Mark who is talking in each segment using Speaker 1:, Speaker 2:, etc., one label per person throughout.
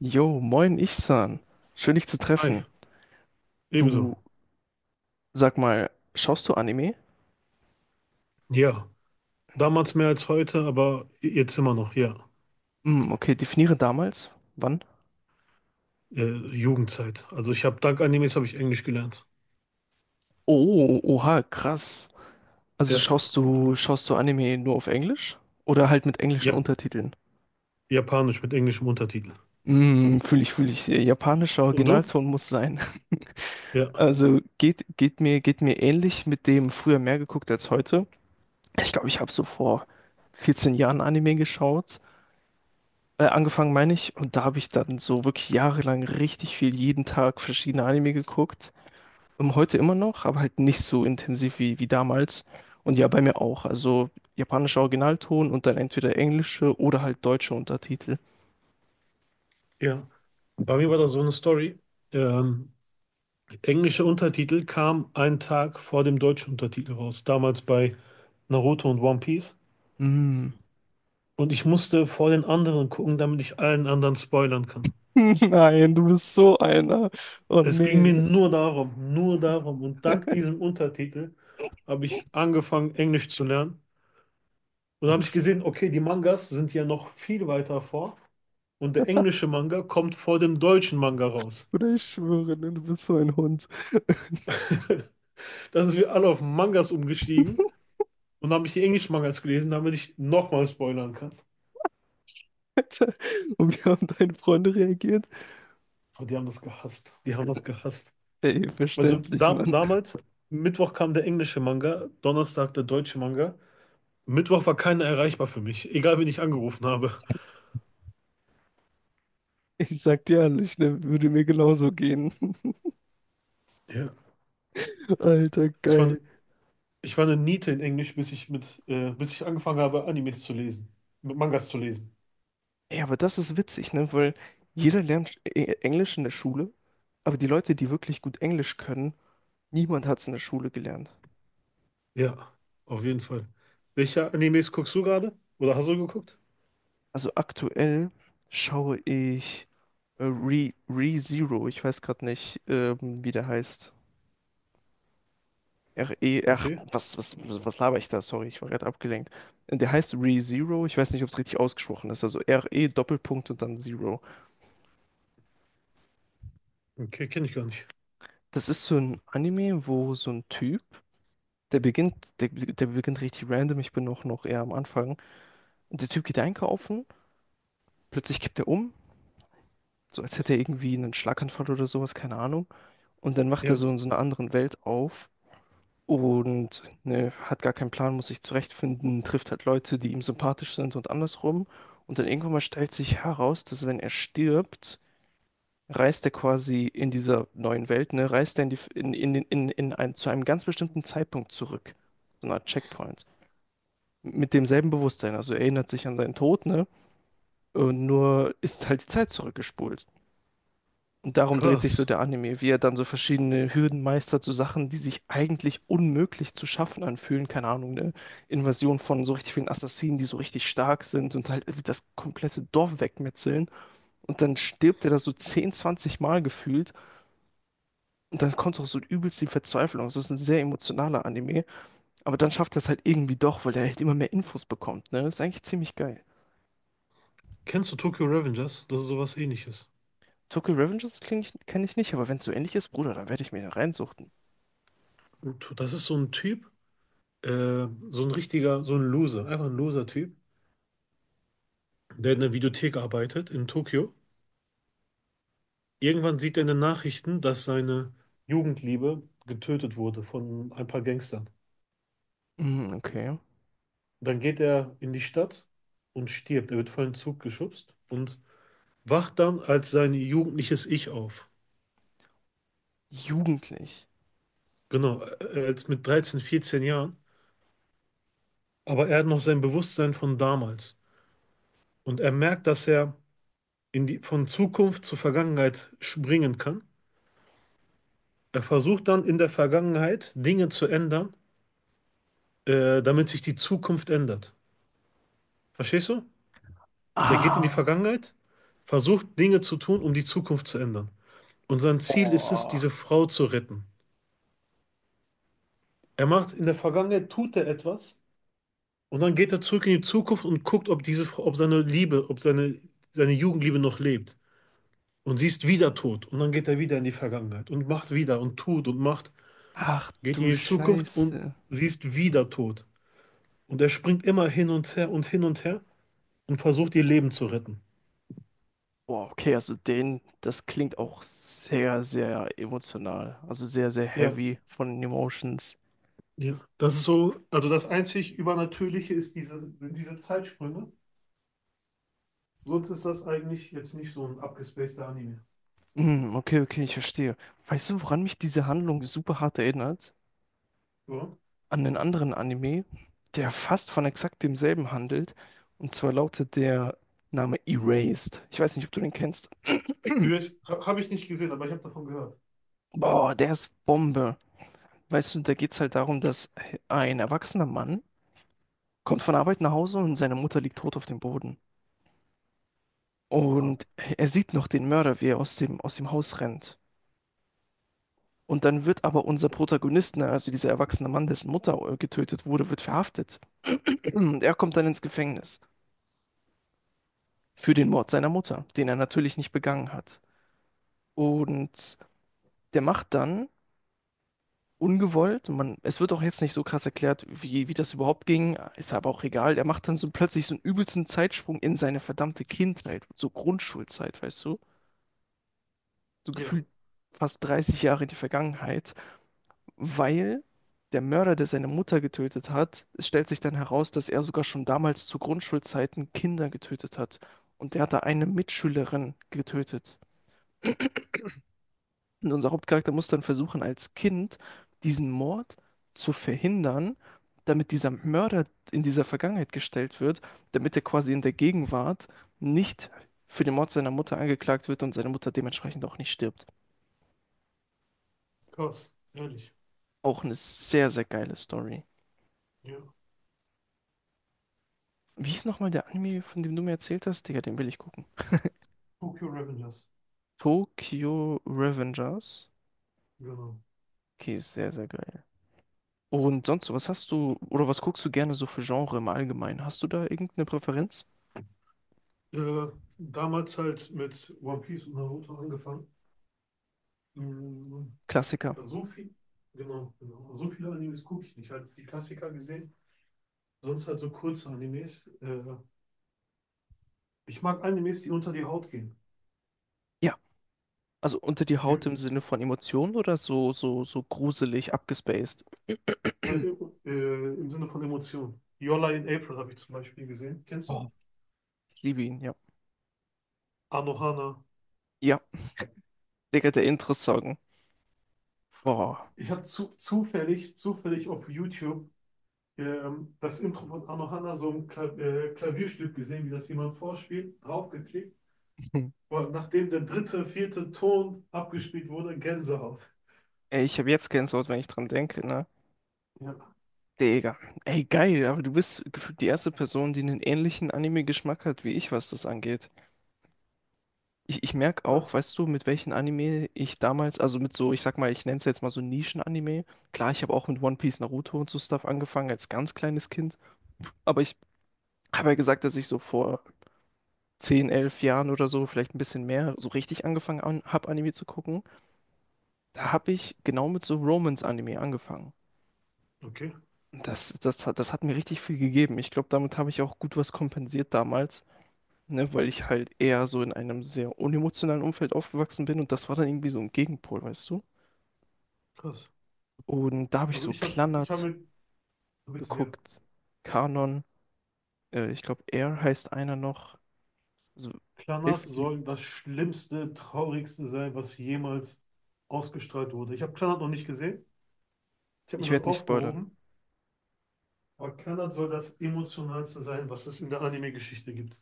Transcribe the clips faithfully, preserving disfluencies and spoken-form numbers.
Speaker 1: Jo, moin Ichsan. Schön dich zu
Speaker 2: Hi,
Speaker 1: treffen.
Speaker 2: ebenso.
Speaker 1: Du, sag mal, schaust du Anime?
Speaker 2: Ja, damals mehr als heute, aber jetzt immer noch, ja.
Speaker 1: Hm, okay, definiere damals. Wann?
Speaker 2: Äh, Jugendzeit. Also ich habe dank Animes habe ich Englisch gelernt.
Speaker 1: Oh, oha, krass. Also
Speaker 2: Ja.
Speaker 1: schaust du, schaust du Anime nur auf Englisch? Oder halt mit englischen
Speaker 2: Ja,
Speaker 1: Untertiteln?
Speaker 2: Japanisch mit englischem Untertitel.
Speaker 1: Hm, fühle ich, fühle ich. äh, Japanischer
Speaker 2: Und du?
Speaker 1: Originalton muss sein.
Speaker 2: Ja.
Speaker 1: Also geht, geht mir, geht mir ähnlich mit dem früher mehr geguckt als heute. Ich glaube, ich habe so vor vierzehn Jahren Anime geschaut. Äh, angefangen meine ich, und da habe ich dann so wirklich jahrelang richtig viel jeden Tag verschiedene Anime geguckt. Ähm, heute immer noch, aber halt nicht so intensiv wie, wie damals. Und ja, bei mir auch. Also japanischer Originalton und dann entweder englische oder halt deutsche Untertitel.
Speaker 2: Ja. Bei mir war das so eine Story. Ähm, Englische Untertitel kam einen Tag vor dem deutschen Untertitel raus. Damals bei Naruto und One Piece.
Speaker 1: Mm.
Speaker 2: Und ich musste vor den anderen gucken, damit ich allen anderen spoilern kann.
Speaker 1: Nein, du bist so einer. Oh
Speaker 2: Es ging mir
Speaker 1: nee,
Speaker 2: nur darum, nur darum. Und dank diesem Untertitel habe ich angefangen, Englisch zu lernen. Und dann habe ich gesehen, okay, die Mangas sind ja noch viel weiter vor. Und der englische Manga kommt vor dem deutschen Manga raus.
Speaker 1: oder ich schwöre, ne, du bist so ein Hund.
Speaker 2: Dann sind wir alle auf Mangas umgestiegen und haben ich die englischen Mangas gelesen, damit ich nochmal spoilern kann.
Speaker 1: Alter, und wie haben deine Freunde reagiert?
Speaker 2: Oh, die haben das gehasst. Die haben das gehasst.
Speaker 1: Ey,
Speaker 2: Also
Speaker 1: verständlich,
Speaker 2: dam
Speaker 1: Mann.
Speaker 2: damals, Mittwoch kam der englische Manga, Donnerstag der deutsche Manga. Mittwoch war keiner erreichbar für mich, egal wen ich angerufen habe.
Speaker 1: Ich sag dir ehrlich, ne, würde mir genauso gehen.
Speaker 2: Ja.
Speaker 1: Alter,
Speaker 2: Ich war
Speaker 1: geil.
Speaker 2: Ich war eine Niete in Englisch, bis ich mit, äh, bis ich angefangen habe, Animes zu lesen, mit Mangas zu lesen.
Speaker 1: Ey, aber das ist witzig, ne? Weil jeder lernt E- Englisch in der Schule, aber die Leute, die wirklich gut Englisch können, niemand hat es in der Schule gelernt.
Speaker 2: Ja, auf jeden Fall. Welche Animes guckst du gerade? Oder hast du geguckt?
Speaker 1: Also aktuell schaue ich äh, Re, ReZero, ich weiß gerade nicht, ähm, wie der heißt. R-E, ach,
Speaker 2: Okay,
Speaker 1: was, was, was laber ich da? Sorry, ich war gerade abgelenkt. Der heißt ReZero, ich weiß nicht, ob es richtig ausgesprochen ist. Also R E, Doppelpunkt und dann Zero.
Speaker 2: okay, kenne ich gar nicht.
Speaker 1: Das ist so ein Anime, wo so ein Typ, Der beginnt, der, der beginnt richtig random. Ich bin noch noch eher am Anfang. Und der Typ geht einkaufen, plötzlich kippt er um, so als hätte er irgendwie einen Schlaganfall oder sowas, keine Ahnung. Und dann macht er
Speaker 2: Ja,
Speaker 1: so in so einer anderen Welt auf und ne, hat gar keinen Plan, muss sich zurechtfinden, trifft halt Leute, die ihm sympathisch sind und andersrum. Und dann irgendwann mal stellt sich heraus, dass wenn er stirbt, reist er quasi in dieser neuen Welt, ne, reist er in die, in, in, in, in ein, zu einem ganz bestimmten Zeitpunkt zurück. So eine Art Checkpoint, mit demselben Bewusstsein. Also er erinnert sich an seinen Tod, ne? Und nur ist halt die Zeit zurückgespult. Und darum dreht sich so
Speaker 2: krass.
Speaker 1: der Anime, wie er dann so verschiedene Hürden meistert, so Sachen, die sich eigentlich unmöglich zu schaffen anfühlen. Keine Ahnung, eine Invasion von so richtig vielen Assassinen, die so richtig stark sind und halt das komplette Dorf wegmetzeln. Und dann stirbt er da so zehn, zwanzig Mal gefühlt. Und dann kommt auch so übelst die Verzweiflung. Das ist ein sehr emotionaler Anime. Aber dann schafft er es halt irgendwie doch, weil er halt immer mehr Infos bekommt. Ne? Das ist eigentlich ziemlich geil.
Speaker 2: Kennst du Tokyo Revengers? Das ist sowas ähnliches.
Speaker 1: Tokyo Revengers kenne ich nicht, aber wenn es so ähnlich ist, Bruder, dann werde ich mir den reinsuchten.
Speaker 2: Und das ist so ein Typ, äh, so ein richtiger, so ein Loser, einfach ein Loser-Typ, der in der Videothek arbeitet in Tokio. Irgendwann sieht er in den Nachrichten, dass seine Jugendliebe getötet wurde von ein paar Gangstern.
Speaker 1: Mm, okay.
Speaker 2: Dann geht er in die Stadt und stirbt. Er wird vor einen Zug geschubst und wacht dann als sein jugendliches Ich auf.
Speaker 1: Jugendlich.
Speaker 2: Genau, äh, äh, als mit dreizehn, vierzehn Jahren. Aber er hat noch sein Bewusstsein von damals. Und er merkt, dass er in die, von Zukunft zur Vergangenheit springen kann. Er versucht dann in der Vergangenheit Dinge zu ändern, äh, damit sich die Zukunft ändert. Verstehst du? Der geht in die
Speaker 1: Ah.
Speaker 2: Vergangenheit, versucht Dinge zu tun, um die Zukunft zu ändern. Und sein Ziel ist es,
Speaker 1: Oh.
Speaker 2: diese Frau zu retten. Er macht in der Vergangenheit, tut er etwas und dann geht er zurück in die Zukunft und guckt, ob diese, Frau- ob seine Liebe, ob seine, seine Jugendliebe noch lebt. Und sie ist wieder tot. Und dann geht er wieder in die Vergangenheit und macht wieder und tut und macht,
Speaker 1: Ach
Speaker 2: geht in
Speaker 1: du
Speaker 2: die Zukunft und
Speaker 1: Scheiße.
Speaker 2: sie ist wieder tot. Und er springt immer hin und her und hin und her und versucht, ihr Leben zu retten.
Speaker 1: Boah, okay, also den, das klingt auch sehr, sehr emotional. Also sehr, sehr
Speaker 2: Ja,
Speaker 1: heavy von den Emotions.
Speaker 2: ja. Das ist so, also das einzig Übernatürliche ist diese, sind diese Zeitsprünge. Sonst ist das eigentlich jetzt nicht so ein abgespaceder Anime.
Speaker 1: Mm, okay, okay, ich verstehe. Weißt du, woran mich diese Handlung super hart erinnert?
Speaker 2: Oder?
Speaker 1: An einen anderen Anime, der fast von exakt demselben handelt. Und zwar lautet der Name Erased. Ich weiß nicht, ob du den kennst.
Speaker 2: U S habe ich nicht gesehen, aber ich habe davon gehört.
Speaker 1: Boah, der ist Bombe. Weißt du, da geht's halt darum, dass ein erwachsener Mann kommt von Arbeit nach Hause und seine Mutter liegt tot auf dem Boden.
Speaker 2: Ah,
Speaker 1: Und er sieht noch den Mörder, wie er aus dem, aus dem Haus rennt. Und dann wird aber unser
Speaker 2: ja,
Speaker 1: Protagonist, ne, also dieser erwachsene Mann, dessen Mutter äh, getötet wurde, wird verhaftet. Und er kommt dann ins Gefängnis für den Mord seiner Mutter, den er natürlich nicht begangen hat. Und der macht dann ungewollt. Man, es wird auch jetzt nicht so krass erklärt, wie, wie das überhaupt ging. Ist aber auch egal. Er macht dann so plötzlich so einen übelsten Zeitsprung in seine verdammte Kindheit, so Grundschulzeit, weißt du? So
Speaker 2: ja,
Speaker 1: gefühlt fast dreißig Jahre in die Vergangenheit, weil der Mörder, der seine Mutter getötet hat, es stellt sich dann heraus, dass er sogar schon damals zu Grundschulzeiten Kinder getötet hat. Und der hat da eine Mitschülerin getötet. Und unser Hauptcharakter muss dann versuchen, als Kind diesen Mord zu verhindern, damit dieser Mörder in dieser Vergangenheit gestellt wird, damit er quasi in der Gegenwart nicht für den Mord seiner Mutter angeklagt wird und seine Mutter dementsprechend auch nicht stirbt.
Speaker 2: krass, ehrlich.
Speaker 1: Auch eine sehr, sehr geile Story.
Speaker 2: Ja,
Speaker 1: Wie hieß nochmal der Anime, von dem du mir erzählt hast? Digga, den will ich gucken.
Speaker 2: Tokyo Revengers,
Speaker 1: Tokyo Revengers.
Speaker 2: genau.
Speaker 1: Okay, sehr, sehr geil. Und sonst, so, was hast du, oder was guckst du gerne so für Genre im Allgemeinen? Hast du da irgendeine Präferenz?
Speaker 2: Äh, Damals halt mit One Piece und Naruto angefangen. Mhm.
Speaker 1: Klassiker.
Speaker 2: Da so viel, genau, genau. So viele Animes gucke ich nicht. Halt die Klassiker gesehen, sonst halt so kurze Animes. Äh, ich mag Animes, die unter die Haut gehen.
Speaker 1: Ja, also unter die
Speaker 2: Jo,
Speaker 1: Haut im Sinne von Emotionen oder so, so, so gruselig, abgespaced?
Speaker 2: äh, äh, im Sinne von Emotionen. Your Lie in April habe ich zum Beispiel gesehen. Kennst
Speaker 1: Oh,
Speaker 2: du?
Speaker 1: ich liebe ihn, ja.
Speaker 2: Anohana.
Speaker 1: Ja, Digga, der Intro-Song. Boah.
Speaker 2: Ich habe zu, zufällig, zufällig auf YouTube ähm, das Intro von Arno Hanna, so ein Kla äh, Klavierstück gesehen, wie das jemand vorspielt, draufgeklickt. Und nachdem der dritte, vierte Ton abgespielt wurde, Gänsehaut.
Speaker 1: Ey, ich habe jetzt Gänsehaut, wenn ich dran denke, ne?
Speaker 2: Ja,
Speaker 1: Digga. Ey, geil, aber du bist gefühlt die erste Person, die einen ähnlichen Anime-Geschmack hat wie ich, was das angeht. Ich, ich merke auch,
Speaker 2: krass.
Speaker 1: weißt du, mit welchen Anime ich damals, also mit so, ich sag mal, ich nenne es jetzt mal so Nischen-Anime. Klar, ich habe auch mit One Piece, Naruto und so Stuff angefangen als ganz kleines Kind. Aber ich habe ja gesagt, dass ich so vor zehn, elf Jahren oder so, vielleicht ein bisschen mehr, so richtig angefangen an, habe, Anime zu gucken, da habe ich genau mit so Romance-Anime angefangen.
Speaker 2: Okay,
Speaker 1: Und Das, das, hat- das hat mir richtig viel gegeben. Ich glaube, damit habe ich auch gut was kompensiert damals, ne, weil ich halt eher so in einem sehr unemotionalen Umfeld aufgewachsen bin und das war dann irgendwie so ein Gegenpol, weißt du?
Speaker 2: krass.
Speaker 1: Und da habe ich
Speaker 2: Also
Speaker 1: so
Speaker 2: ich habe ich hab
Speaker 1: Klannert
Speaker 2: mit, bitte hier,
Speaker 1: geguckt, Kanon, äh, ich glaube, Air heißt einer noch, also
Speaker 2: Klanath
Speaker 1: Elfenlied.
Speaker 2: soll das schlimmste, traurigste sein, was jemals ausgestrahlt wurde. Ich habe Klanath noch nicht gesehen. Ich habe mir
Speaker 1: Ich
Speaker 2: das
Speaker 1: werde nicht spoilern.
Speaker 2: aufgehoben. Aber Klanath soll das emotionalste sein, was es in der Anime-Geschichte gibt.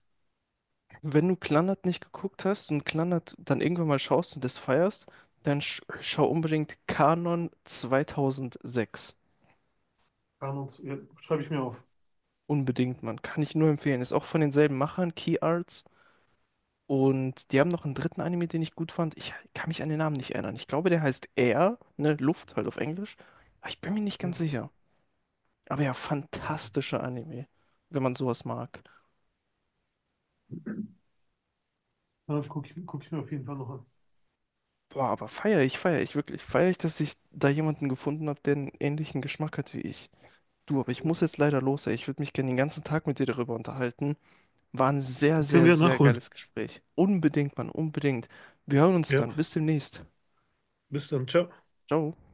Speaker 1: Wenn du Clannad nicht geguckt hast und Clannad dann irgendwann mal schaust und das feierst, dann sch schau unbedingt Kanon zweitausend sechs.
Speaker 2: Carnox, ja, schreibe ich mir auf.
Speaker 1: Unbedingt, Mann. Kann ich nur empfehlen. Ist auch von denselben Machern, Key Arts. Und die haben noch einen dritten Anime, den ich gut fand. Ich kann mich an den Namen nicht erinnern. Ich glaube, der heißt Air, ne, Luft halt auf Englisch. Aber ich bin mir nicht
Speaker 2: Ja,
Speaker 1: ganz sicher. Aber ja,
Speaker 2: okay.
Speaker 1: fantastischer Anime, wenn man sowas mag.
Speaker 2: Dann gucke ich, guck ich mir auf jeden Fall noch an.
Speaker 1: Boah, aber feier ich, feier ich wirklich. Feier ich, dass ich da jemanden gefunden habe, der einen ähnlichen Geschmack hat wie ich. Du, aber ich
Speaker 2: Ja.
Speaker 1: muss jetzt leider los, ey. Ich würde mich gerne den ganzen Tag mit dir darüber unterhalten. War ein sehr,
Speaker 2: Können
Speaker 1: sehr,
Speaker 2: wir
Speaker 1: sehr
Speaker 2: nachholen.
Speaker 1: geiles Gespräch. Unbedingt, Mann, unbedingt. Wir hören uns
Speaker 2: Ja,
Speaker 1: dann. Bis demnächst.
Speaker 2: bis dann. Ciao.
Speaker 1: Ciao.